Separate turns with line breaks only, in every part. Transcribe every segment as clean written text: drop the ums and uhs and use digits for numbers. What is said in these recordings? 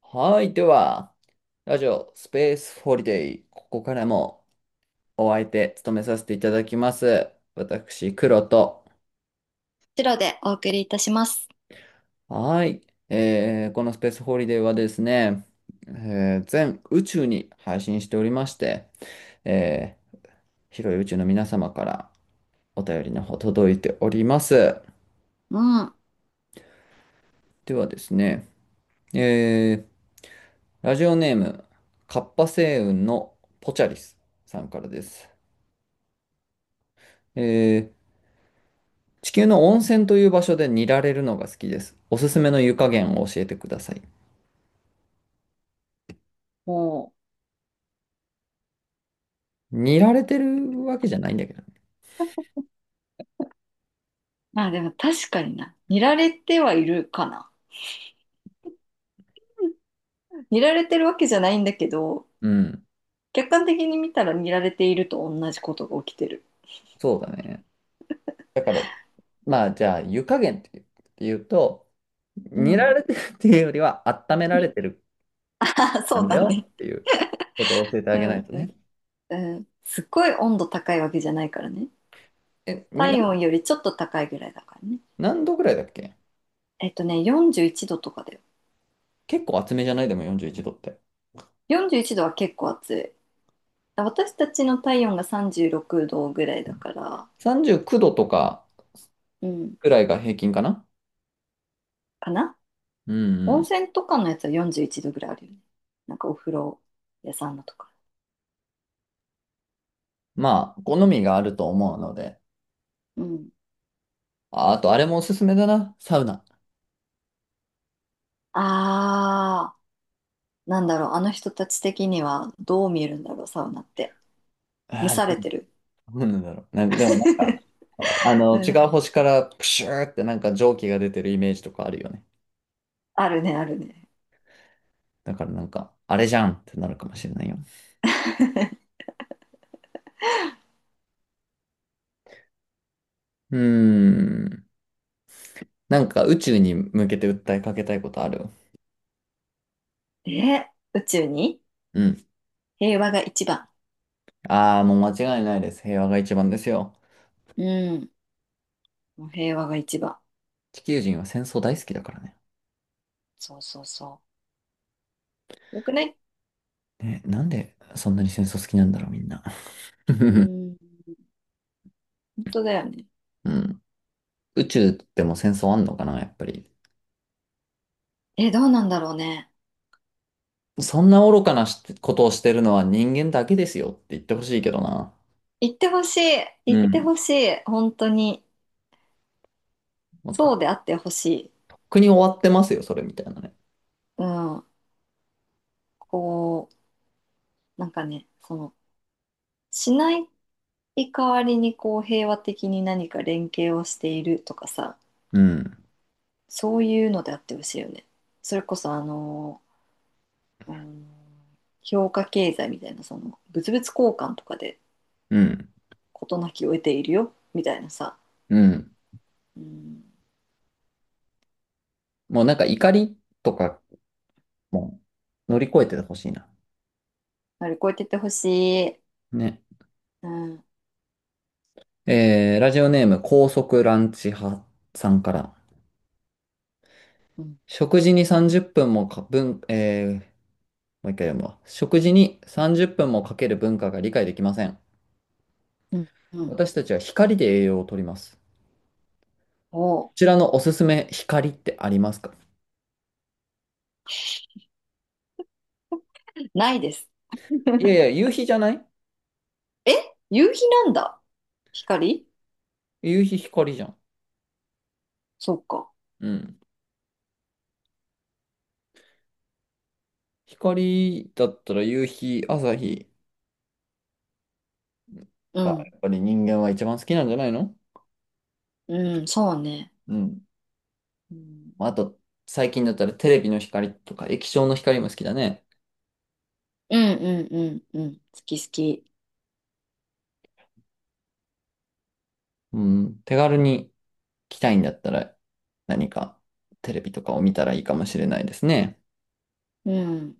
はい。では、ラジオスペースホリデー。ここからもお相手務めさせていただきます。私、黒と。
白でお送りいたします。
はい。このスペースホリデーはですね、全宇宙に配信しておりまして、えー広い宇宙の皆様からお便りの方届いております。
うん。
ではですね、えーラジオネーム、カッパ星雲のポチャリスさんからです。えー地球の温泉という場所で煮られるのが好きです。おすすめの湯加減を教えてください。
も
煮られてるわけじゃないんだけどね。
まあでも確かにな。見られてはいるかな。見られてるわけじゃないんだけど、
うん。
客観的に見たら見られていると同じことが起きてる。
そうだね。だから、まあ、じゃあ、湯加減って言うと、
う
煮ら
ん。
れてるっていうよりは、温められてる
あ、
な
そ
ん
う
だ
だ
よ
ね。
っていうことを教えてあ
う
げない
ん、
と
うん、
ね。
うん。すっごい温度高いわけじゃないからね。
え、に、な
体温よりちょっと高いぐらいだからね。
何度ぐらいだっけ？
41度とかだよ。
結構厚めじゃない？でも41度って。
41度は結構暑い。私たちの体温が36度ぐらいだから、
39度とか
うん、
くらいが平均かな？
かな。
うん、う
温
ん。
泉とかのやつは41度ぐらいあるよね。なんかお風呂屋さんのとか。
まあ、好みがあると思うので。
うん。
ああと、あれもおすすめだな。サウナ。
あー、なんだろう、あの人たち的にはどう見えるんだろう、サウナって。蒸
ああ、
され
ど
てる。
うなんだろう。なんか、でもなんか、あ
う
の、違う
ん。
星からプシューってなんか蒸気が出てるイメージとかあるよね。
あるね。
だからなんか、あれじゃんってなるかもしれないよ。うーん。なんか宇宙に向けて訴えかけたいことある？
え、宇宙に。
うん。
平和が一番。
ああ、もう間違いないです。平和が一番ですよ。
うん。もう平和が一番。
地球人は戦争大好きだからね。
そう。よくね。
ね、なんでそんなに戦争好きなんだろう、みんな。
う ん。本当だよね。
うん。宇宙でも戦争あんのかな、やっぱり。
え、どうなんだろうね。
そんな愚かなしことをしてるのは人間だけですよって言ってほしいけどな。
行ってほしい。
う
行って
ん。
ほしい。本当に。
もうとっ
そうであってほしい。
くに終わってますよ、それみたいなね。
うん。こう。なんかね、その、しない代わりにこう平和的に何か連携をしているとかさ、
うん。
そういうのであってほしいよね。それこそあの、うん評価経済みたいな、物々交換とかで
うん。
事なきを得ているよ、みたいなさ、
うん。
うん、
もうなんか怒りとかも乗り越えてほしいな。
乗り越えてってほしい。
ね。
うん、
ラジオネーム高速ランチ派さんから。
うん、
食事に30分もか、文、えー、もう一回読むわ。食事に30分もかける文化が理解できません。
うん、うん。
私たちは光で栄養をとります。こ
おう。
ちらのおすすめ光ってありますか？
ないです。
いやいや、夕日じゃない？
え、夕日なんだ。光。
夕日光じゃん。
そっか。
うん。光だったら夕日、朝日
う
が
ん、
やっぱり人間は一番好きなんじゃないの？
うん、そうね。
うん。
うん
まああと、最近だったらテレビの光とか液晶の光も好きだね。
うん。好き好き。
うん。手軽に来たいんだったら何かテレビとかを見たらいいかもしれないですね。
うん。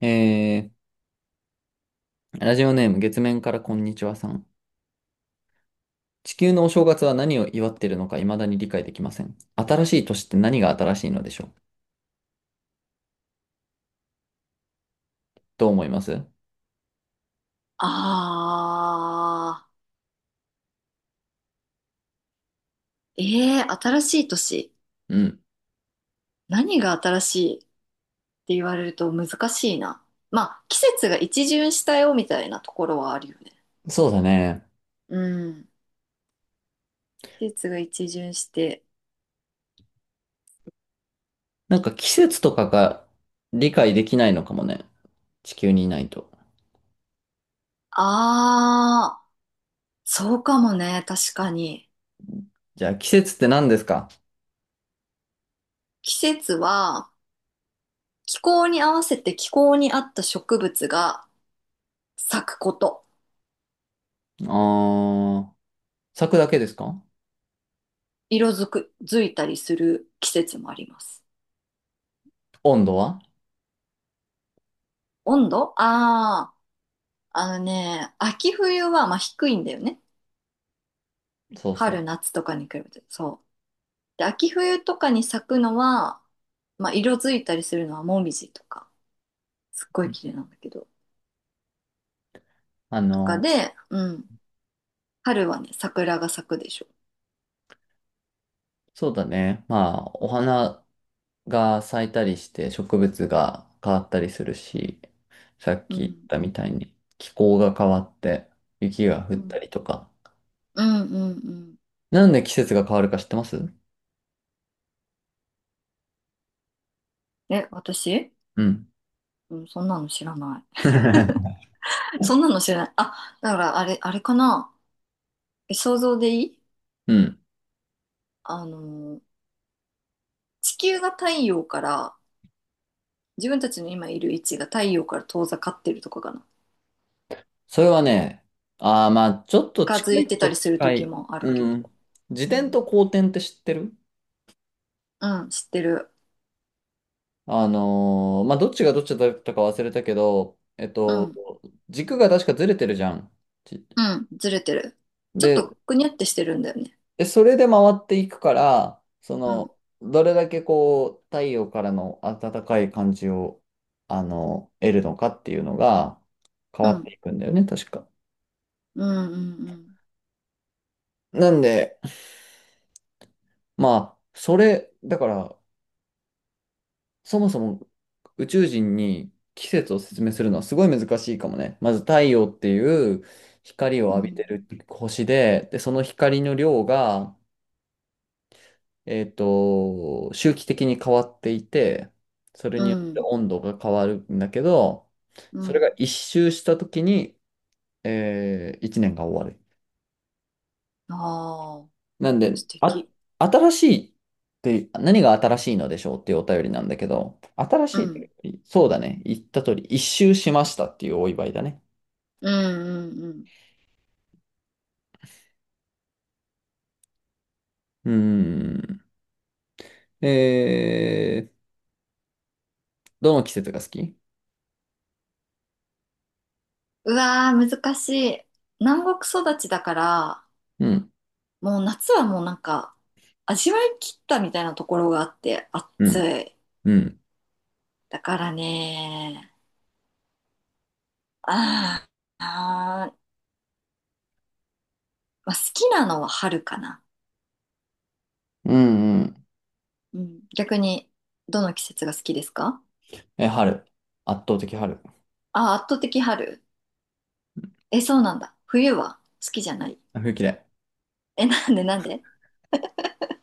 えラジオネーム月面からこんにちはさん。地球のお正月は何を祝っているのか未だに理解できません。新しい年って何が新しいのでしょう？どう思います？
あー。ええ、新しい年。
うん。
何が新しいって言われると難しいな。まあ、季節が一巡したよみたいなところはあるよね。
そうだね。
うん。季節が一巡して。
なんか季節とかが理解できないのかもね。地球にいないと。
あー。そうかもね。確かに。
じゃあ季節って何ですか？
季節は気候に合わせて気候に合った植物が咲くこと。
あー、咲くだけですか？
色づく、づいたりする季節もあります。
温度は？
温度。あ、あー、秋冬はまあ低いんだよね。
そうそ
春、夏とかに比べて。そう。で、秋冬とかに咲くのは、まあ色づいたりするのはモミジとか、すっごい
う。
綺麗なんだけど、
あ
とか
の、
で、うん。春はね、桜が咲くでしょ。
そうだね。まあ、お花が咲いたりして植物が変わったりするし、さっ
う
き言っ
ん。
たみたいに気候が変わって雪が降っ
うん。
たりとか。
うん。
なんで季節が変わるか知ってます
え、私。
うん。
うん、そんなの知らない。そんなの知らない。あ、だからあれ、あれかな。え、想像でいい？
うん。
あのー、地球が太陽から自分たちの今いる位置が太陽から遠ざかってるとかかな。
それはね、ああ、まあ、ちょっと
近づ
近い
い
っ
て
ち
た
ゃ
りする
近
時
い。
もあるけ
う
ど。
ん。自
う
転
ん、
と後転って知ってる？
うん、知ってる。
あのーまあ、どっちがどっちだったか忘れたけど、
うん、
軸が確かずれてるじゃん。ち
うん、ずれてる。ちょっ
で、
とくにゃってしてるんだよね。
でそれで回っていくから、そ
うん、
の、どれだけこう、太陽からの暖かい感じを、あの、得るのかっていうのが変
う
わって
ん、
いくんだよね、確か。
うん、うん、
なんで、まあ、それ、だから、そもそも宇宙人に季節を説明するのはすごい難しいかもね。まず太陽っていう光を
う
浴びて
ん、
る星で、で、その光の量が、周期的に変わっていて、それ
う
によって
ん、
温度が変わるんだけど、
う
それが
ん。
一周した時に、一年が終わる。
ああ、
なんで、
素
あ、
敵。
新しいって何が新しいのでしょうっていうお便りなんだけど、新
う
しいっ
ん、
て、そうだね。言った通り、一周しましたっていうお祝いだね。
うん、うん。
うーん。えー、どの季節が好き？
うわー、難しい。南国育ちだから、
うん、
もう夏はもうなんか、味わい切ったみたいなところがあって、
う
暑
ん、
い。
うん、
だからね、あー、あー、まあ、好きなのは春かな。
うん、うん。
うん。逆に、どの季節が好きですか？
え、春。圧倒的春。
あー、圧倒的春。え、そうなんだ。冬は好きじゃない？
冬嫌い。
え、なんで？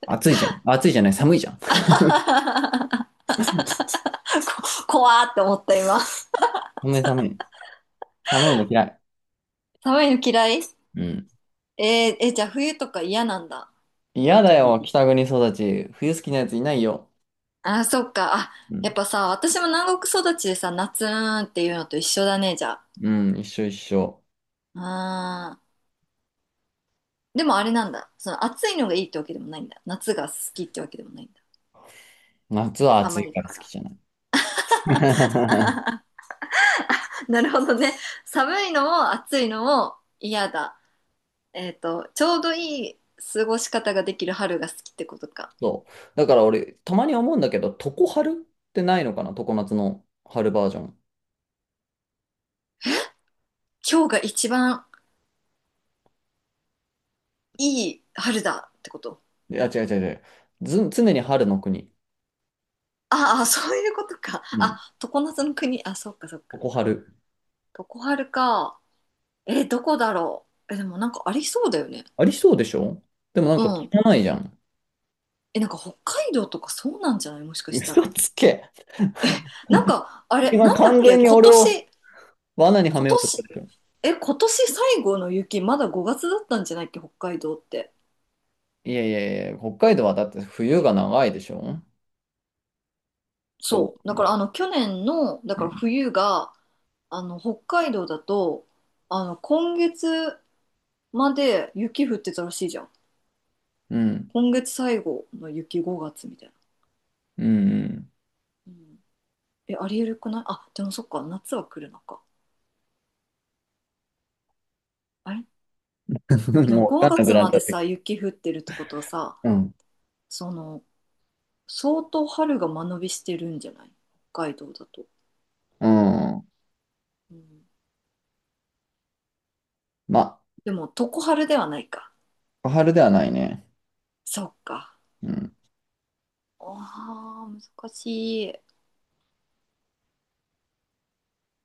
暑いじゃん。暑いじゃない、寒いじゃん。
こ、怖ーって思った今。
寒い寒い。寒いの嫌い。
寒いの嫌い。
うん。
えー、え、じゃあ冬とか嫌なんだ。
嫌
本当
だよ、
に。
北国育ち。冬好きなやついないよ。
あー、そっか。あ、
う
やっ
ん。
ぱさ、私も南国育ちでさ、夏ーんっていうのと一緒だね、じゃあ。
うん、一緒一緒。
あー、でもあれなんだ。その暑いのがいいってわけでもないんだ。夏が好きってわけでもないんだ。
夏は暑
寒
い
い
から
か
好き
ら。
じゃない。
なるほどね。寒いのも暑いのも嫌だ。ちょうどいい過ごし方ができる春が好きってことか。
そう。だから俺、たまに思うんだけど、常春ってないのかな？常夏の春バージョン。
今日が一番いい春だってこと？
いや、違う違う違う。ず、常に春の国。
ああ、そういうことか。
う
あ、
ん。
常夏の国。あ、そっか。
常春。
常春か。えー、どこだろう。え、でもなんかありそうだよね。
ありそうでしょ？でもなん
う
か
ん。
汚いじゃん。
え、なんか北海道とかそうなんじゃない？もしかした
嘘
ら。
つけ。
なんか、
今
なんだっ
完
け
全に
今
俺を
年、
罠には
今
めようとした
年、
でしょ。
え、今年最後の雪、まだ5月だったんじゃないっけ、北海道って。
いやいやいや、北海道はだって冬が長いでしょ？どう考
そう。
えても、
だ
う
から
ん。
冬が、北海道だと、今月まで雪降ってたらしいじゃん。
うん。
今月最後の雪、5月みたいな。
うん。
うん、え、ありえるくない？あ、でもそっか、夏は来るのか。あれ、
う
え
ん。
でも
もうわか
5
んなく
月
なっ
ま
ちゃ
で
って。
さ、雪降ってるってことはさ、
うん。
その、相当春が間延びしてるんじゃない？北海道だと。
うん。
うん、
まあ
でも、常春ではないか。
小春ではないね。
そっか。
うん。
ああ、難しい。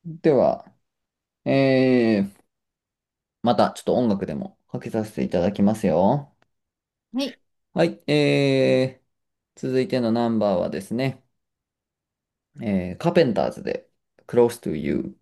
では、えー、またちょっと音楽でもかけさせていただきますよ。
はい。
はい、続いてのナンバーはですね、カーペンターズで Close to You。